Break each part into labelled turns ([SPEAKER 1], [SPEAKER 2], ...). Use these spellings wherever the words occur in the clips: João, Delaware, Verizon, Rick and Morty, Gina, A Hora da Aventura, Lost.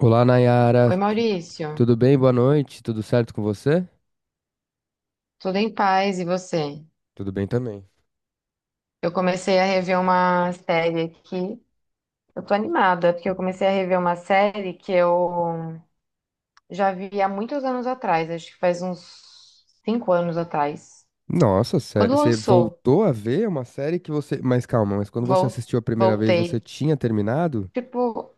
[SPEAKER 1] Olá, Nayara.
[SPEAKER 2] Oi, Maurício.
[SPEAKER 1] Tudo bem? Boa noite. Tudo certo com você?
[SPEAKER 2] Tudo em paz e você?
[SPEAKER 1] Tudo bem também.
[SPEAKER 2] Eu comecei a rever uma série aqui. Eu tô animada, porque eu comecei a rever uma série que eu já vi há muitos anos atrás, acho que faz uns cinco anos atrás.
[SPEAKER 1] Nossa, sério,
[SPEAKER 2] Quando
[SPEAKER 1] você
[SPEAKER 2] lançou,
[SPEAKER 1] voltou a ver uma série que você. Mas calma, mas quando você
[SPEAKER 2] vol-
[SPEAKER 1] assistiu a primeira vez, você
[SPEAKER 2] voltei.
[SPEAKER 1] tinha terminado?
[SPEAKER 2] Tipo,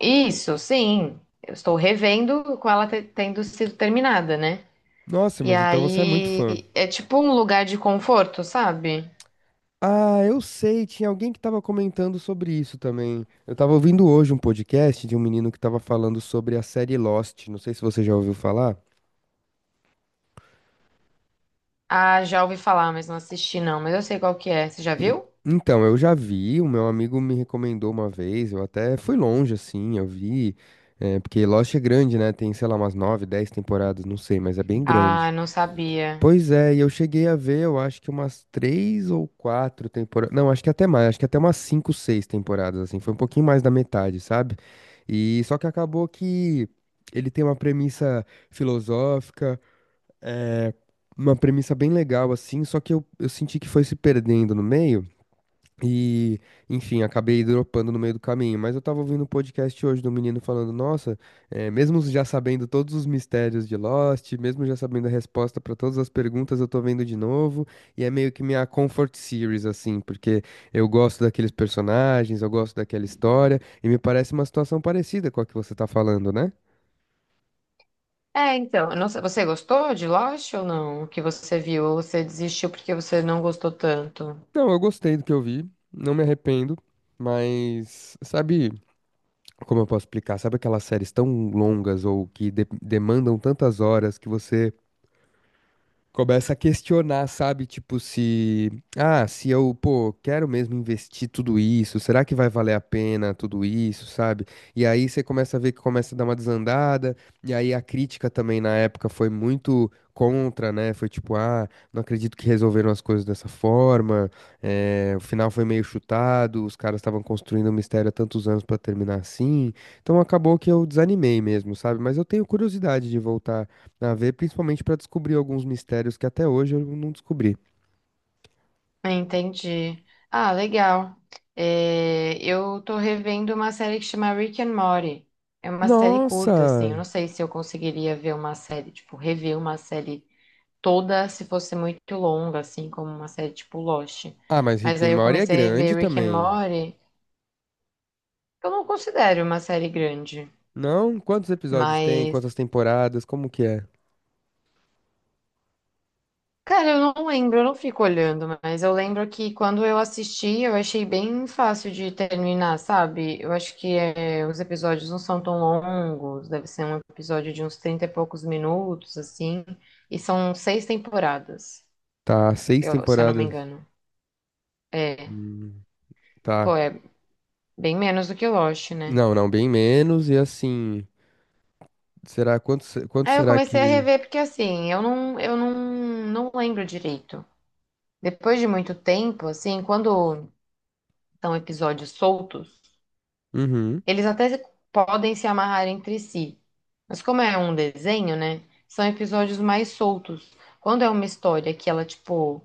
[SPEAKER 2] isso, sim. Eu estou revendo com ela tendo sido terminada, né?
[SPEAKER 1] Nossa,
[SPEAKER 2] E
[SPEAKER 1] mas então você é muito fã.
[SPEAKER 2] aí é tipo um lugar de conforto, sabe?
[SPEAKER 1] Ah, eu sei, tinha alguém que tava comentando sobre isso também. Eu tava ouvindo hoje um podcast de um menino que tava falando sobre a série Lost. Não sei se você já ouviu falar.
[SPEAKER 2] Ah, já ouvi falar, mas não assisti não, mas eu sei qual que é. Você já
[SPEAKER 1] En-
[SPEAKER 2] viu?
[SPEAKER 1] Então, eu já vi, o meu amigo me recomendou uma vez, eu até fui longe, assim, eu vi, porque Lost é grande, né? Tem, sei lá, umas nove, dez temporadas, não sei, mas é bem grande.
[SPEAKER 2] Ah, não sabia.
[SPEAKER 1] Pois é, e eu cheguei a ver, eu acho que umas três ou quatro temporadas, não, acho que até mais, acho que até umas cinco, seis temporadas, assim, foi um pouquinho mais da metade, sabe? E só que acabou que ele tem uma premissa filosófica, é, uma premissa bem legal, assim, só que eu senti que foi se perdendo no meio, e, enfim, acabei dropando no meio do caminho. Mas eu tava ouvindo um podcast hoje do menino falando: Nossa, mesmo já sabendo todos os mistérios de Lost, mesmo já sabendo a resposta pra todas as perguntas, eu tô vendo de novo. E é meio que minha comfort series, assim, porque eu gosto daqueles personagens, eu gosto daquela história. E me parece uma situação parecida com a que você tá falando, né?
[SPEAKER 2] É, então, eu não sei, você gostou de Lost ou não? O que você viu? Ou você desistiu porque você não gostou tanto?
[SPEAKER 1] Não, eu gostei do que eu vi, não me arrependo. Mas, sabe. Como eu posso explicar? Sabe aquelas séries tão longas ou que demandam tantas horas que você começa a questionar, sabe? Tipo, se, ah, se eu, pô, quero mesmo investir tudo isso, será que vai valer a pena tudo isso, sabe? E aí você começa a ver que começa a dar uma desandada, e aí a crítica também na época foi muito contra, né? Foi tipo, ah, não acredito que resolveram as coisas dessa forma, o final foi meio chutado, os caras estavam construindo o mistério há tantos anos pra terminar assim, então acabou que eu desanimei mesmo, sabe? Mas eu tenho curiosidade de voltar a ver, principalmente pra descobrir alguns mistérios que até hoje eu não descobri.
[SPEAKER 2] Ah, entendi. Ah, legal. É, eu tô revendo uma série que chama Rick and Morty. É uma série curta, assim. Eu
[SPEAKER 1] Nossa!
[SPEAKER 2] não sei se eu conseguiria ver uma série, tipo, rever uma série toda se fosse muito longa, assim, como uma série tipo Lost.
[SPEAKER 1] Ah, mas Rick
[SPEAKER 2] Mas
[SPEAKER 1] and
[SPEAKER 2] aí eu
[SPEAKER 1] Morty é
[SPEAKER 2] comecei a
[SPEAKER 1] grande
[SPEAKER 2] rever Rick and
[SPEAKER 1] também.
[SPEAKER 2] Morty, que eu não considero uma série grande,
[SPEAKER 1] Não? Quantos episódios tem?
[SPEAKER 2] mas
[SPEAKER 1] Quantas temporadas? Como que é?
[SPEAKER 2] cara, eu não lembro, eu não fico olhando, mas eu lembro que quando eu assisti, eu achei bem fácil de terminar, sabe? Eu acho que é, os episódios não são tão longos, deve ser um episódio de uns 30 e poucos minutos, assim, e são seis temporadas,
[SPEAKER 1] Tá, seis
[SPEAKER 2] se eu não me
[SPEAKER 1] temporadas.
[SPEAKER 2] engano. É,
[SPEAKER 1] Hum,
[SPEAKER 2] pô,
[SPEAKER 1] tá.
[SPEAKER 2] é bem menos do que Lost, né?
[SPEAKER 1] Não, não, bem menos. E assim, será quanto, quanto
[SPEAKER 2] Aí eu
[SPEAKER 1] será
[SPEAKER 2] comecei a
[SPEAKER 1] que.
[SPEAKER 2] rever porque, assim, eu não, não lembro direito. Depois de muito tempo, assim, quando são episódios soltos,
[SPEAKER 1] Uhum.
[SPEAKER 2] eles até podem se amarrar entre si, mas como é um desenho, né? São episódios mais soltos. Quando é uma história que ela, tipo,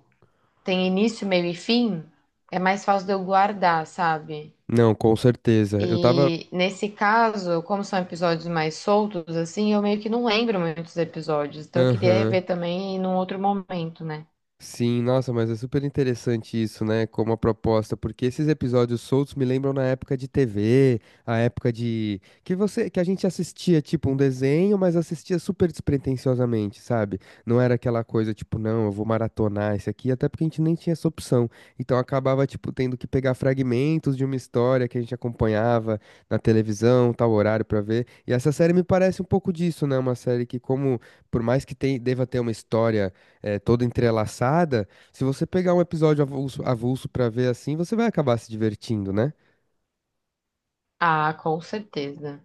[SPEAKER 2] tem início, meio e fim, é mais fácil de eu guardar, sabe?
[SPEAKER 1] Não, com certeza. Eu tava.
[SPEAKER 2] E nesse caso, como são episódios mais soltos, assim, eu meio que não lembro muitos episódios. Então eu queria
[SPEAKER 1] Aham.
[SPEAKER 2] rever também num outro momento, né?
[SPEAKER 1] Sim, nossa, mas é super interessante isso, né? Como a proposta, porque esses episódios soltos me lembram na época de TV, a época de que você, que a gente assistia tipo um desenho, mas assistia super despretensiosamente, sabe? Não era aquela coisa tipo, não, eu vou maratonar esse aqui, até porque a gente nem tinha essa opção. Então acabava tipo tendo que pegar fragmentos de uma história que a gente acompanhava na televisão, tal horário pra ver. E essa série me parece um pouco disso, né? Uma série que como por mais que deva ter uma história toda entrelaçada, se você pegar um episódio avulso, avulso para ver assim, você vai acabar se divertindo, né?
[SPEAKER 2] Ah, com certeza.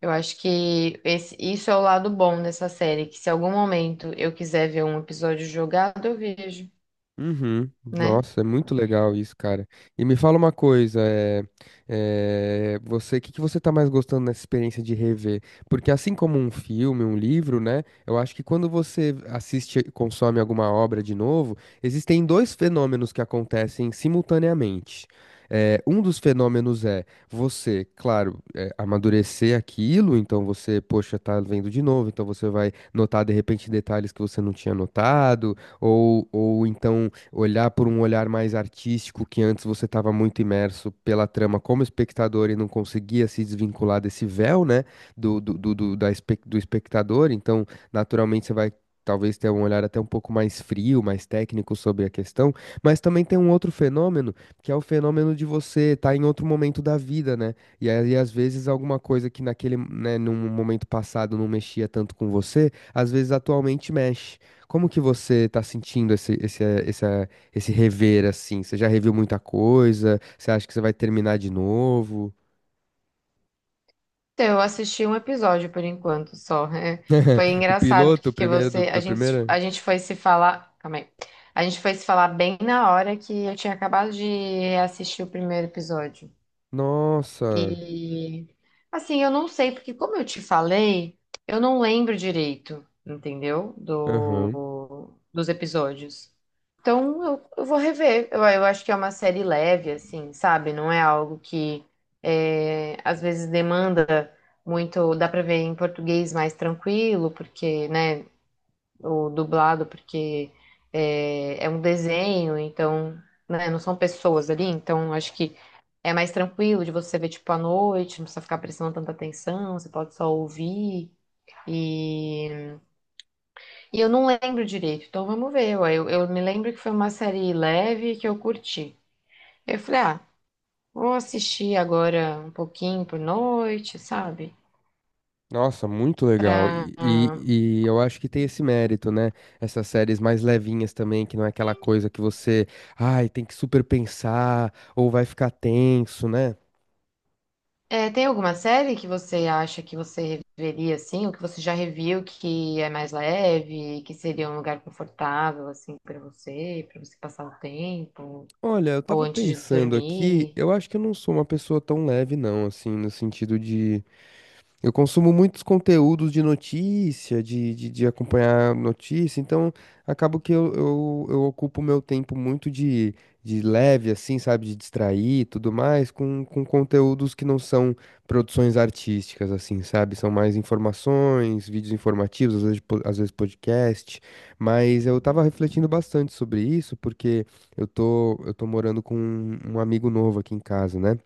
[SPEAKER 2] Eu acho que isso é o lado bom dessa série, que se algum momento eu quiser ver um episódio jogado, eu vejo,
[SPEAKER 1] Uhum.
[SPEAKER 2] né?
[SPEAKER 1] Nossa, é muito legal isso, cara. E me fala uma coisa, você, o que que você tá mais gostando nessa experiência de rever? Porque assim como um filme, um livro, né? Eu acho que quando você assiste, consome alguma obra de novo, existem dois fenômenos que acontecem simultaneamente. É, um dos fenômenos é você, claro, amadurecer aquilo, então você, poxa, tá vendo de novo, então você vai notar de repente detalhes que você não tinha notado, ou então olhar por um olhar mais artístico, que antes você estava muito imerso pela trama como espectador e não conseguia se desvincular desse véu, né, do espectador. Então, naturalmente, você vai. Talvez ter um olhar até um pouco mais frio, mais técnico sobre a questão, mas também tem um outro fenômeno, que é o fenômeno de você estar em outro momento da vida, né? E aí, às vezes, alguma coisa que naquele, né, num momento passado não mexia tanto com você, às vezes atualmente mexe. Como que você tá sentindo esse rever, assim? Você já reviu muita coisa? Você acha que você vai terminar de novo?
[SPEAKER 2] Então, eu assisti um episódio por enquanto só. É, foi
[SPEAKER 1] O
[SPEAKER 2] engraçado
[SPEAKER 1] piloto, o
[SPEAKER 2] porque
[SPEAKER 1] primeiro do,
[SPEAKER 2] você, a
[SPEAKER 1] da
[SPEAKER 2] gente,
[SPEAKER 1] primeira?
[SPEAKER 2] a gente foi se falar, calma aí. A gente foi se falar bem na hora que eu tinha acabado de assistir o primeiro episódio.
[SPEAKER 1] Nossa!
[SPEAKER 2] E assim, eu não sei, porque como eu te falei, eu não lembro direito, entendeu?
[SPEAKER 1] Aham.
[SPEAKER 2] Dos episódios. Então eu vou rever. Eu acho que é uma série leve, assim, sabe? Não é algo que é, às vezes demanda muito. Dá pra ver em português mais tranquilo, porque, né? O dublado, porque é um desenho, então, né? Não são pessoas ali, então acho que é mais tranquilo de você ver tipo à noite, não precisa ficar prestando tanta atenção, você pode só ouvir. E, eu não lembro direito, então vamos ver, ué. Eu me lembro que foi uma série leve que eu curti. Eu falei, ah, vou assistir agora um pouquinho por noite, sabe?
[SPEAKER 1] Nossa, muito legal.
[SPEAKER 2] Pra...
[SPEAKER 1] E eu acho que tem esse mérito, né? Essas séries mais levinhas também, que não é aquela coisa que você, ai, tem que super pensar, ou vai ficar tenso, né?
[SPEAKER 2] É, tem alguma série que você acha que você reveria assim, ou que você já reviu que é mais leve, que seria um lugar confortável assim para você passar o tempo?
[SPEAKER 1] Olha, eu
[SPEAKER 2] Ou
[SPEAKER 1] tava
[SPEAKER 2] antes de
[SPEAKER 1] pensando aqui,
[SPEAKER 2] dormir.
[SPEAKER 1] eu acho que eu não sou uma pessoa tão leve, não, assim, no sentido de. Eu consumo muitos conteúdos de notícia, de acompanhar notícia, então acabo que eu ocupo meu tempo muito de leve, assim, sabe, de distrair e tudo mais, com conteúdos que não são produções artísticas, assim, sabe? São mais informações, vídeos informativos, às vezes, às vezes podcast, mas eu tava refletindo bastante sobre isso, porque eu tô morando com um amigo novo aqui em casa, né?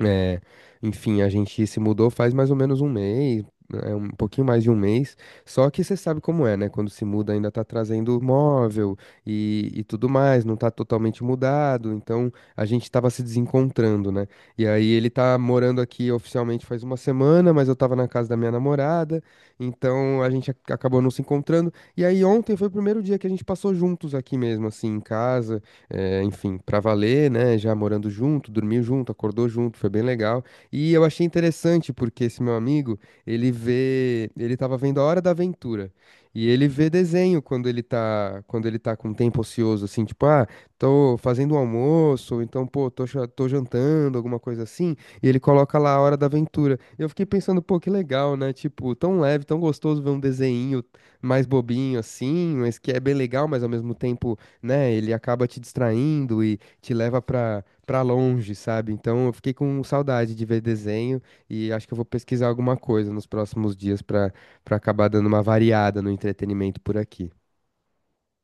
[SPEAKER 1] É, enfim, a gente se mudou faz mais ou menos um mês, é, um pouquinho mais de um mês. Só que você sabe como é, né? Quando se muda, ainda tá trazendo móvel e tudo mais, não tá totalmente mudado. Então a gente tava se desencontrando, né? E aí ele tá morando aqui oficialmente faz uma semana, mas eu tava na casa da minha namorada, então a gente acabou não se encontrando. E aí ontem foi o primeiro dia que a gente passou juntos aqui mesmo, assim, em casa, enfim, pra valer, né? Já morando junto, dormiu junto, acordou junto, foi bem legal. E eu achei interessante porque esse meu amigo, ele tava vendo A Hora da Aventura. E ele vê desenho quando quando ele tá com um tempo ocioso, assim, tipo, ah, tô fazendo um almoço, ou então, pô, tô jantando, alguma coisa assim, e ele coloca lá A Hora da Aventura. E eu fiquei pensando, pô, que legal, né? Tipo, tão leve, tão gostoso ver um desenho mais bobinho assim, mas que é bem legal, mas ao mesmo tempo né? Ele acaba te distraindo e te leva pra, pra longe, sabe? Então eu fiquei com saudade de ver desenho e acho que eu vou pesquisar alguma coisa nos próximos dias pra, pra acabar dando uma variada no entretenimento por aqui.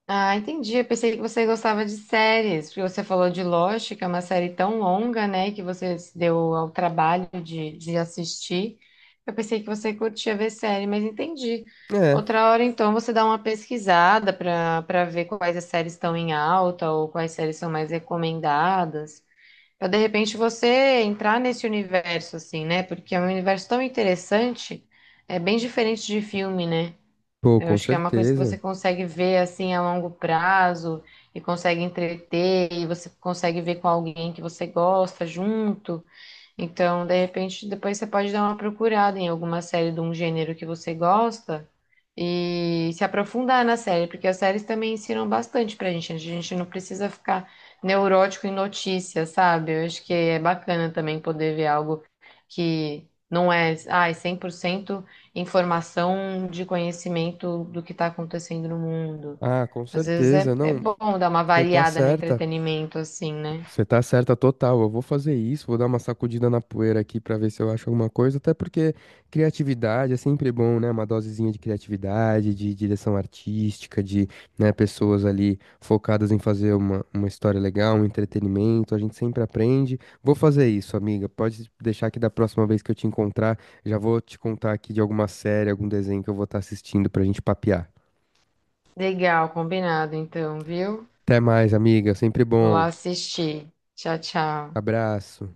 [SPEAKER 2] Ah, entendi. Eu pensei que você gostava de séries, porque você falou de Lost, que é uma série tão longa, né, que você se deu ao trabalho de assistir. Eu pensei que você curtia ver série, mas entendi.
[SPEAKER 1] É,
[SPEAKER 2] Outra hora, então, você dá uma pesquisada para ver quais as séries estão em alta ou quais séries são mais recomendadas. Para de repente você entrar nesse universo, assim, né? Porque é um universo tão interessante, é bem diferente de filme, né?
[SPEAKER 1] pô,
[SPEAKER 2] Eu
[SPEAKER 1] com
[SPEAKER 2] acho que é uma coisa que
[SPEAKER 1] certeza.
[SPEAKER 2] você consegue ver assim a longo prazo e consegue entreter e você consegue ver com alguém que você gosta junto. Então, de repente, depois você pode dar uma procurada em alguma série de um gênero que você gosta e se aprofundar na série, porque as séries também ensinam bastante pra gente, né? A gente não precisa ficar neurótico em notícias, sabe? Eu acho que é bacana também poder ver algo que não é, ai, 100% informação de conhecimento do que está acontecendo no mundo.
[SPEAKER 1] Ah, com
[SPEAKER 2] Às vezes
[SPEAKER 1] certeza.
[SPEAKER 2] é
[SPEAKER 1] Não,
[SPEAKER 2] bom dar uma
[SPEAKER 1] você tá
[SPEAKER 2] variada no
[SPEAKER 1] certa.
[SPEAKER 2] entretenimento, assim, né?
[SPEAKER 1] Você tá certa total. Eu vou fazer isso, vou dar uma sacudida na poeira aqui pra ver se eu acho alguma coisa, até porque criatividade é sempre bom, né? Uma dosezinha de criatividade, de direção artística, de, né, pessoas ali focadas em fazer uma história legal, um entretenimento. A gente sempre aprende. Vou fazer isso, amiga. Pode deixar que da próxima vez que eu te encontrar, já vou te contar aqui de alguma série, algum desenho que eu vou estar assistindo pra gente papear.
[SPEAKER 2] Legal, combinado, então, viu?
[SPEAKER 1] Até mais, amiga. Sempre
[SPEAKER 2] Vou
[SPEAKER 1] bom.
[SPEAKER 2] lá assistir. Tchau, tchau.
[SPEAKER 1] Abraço.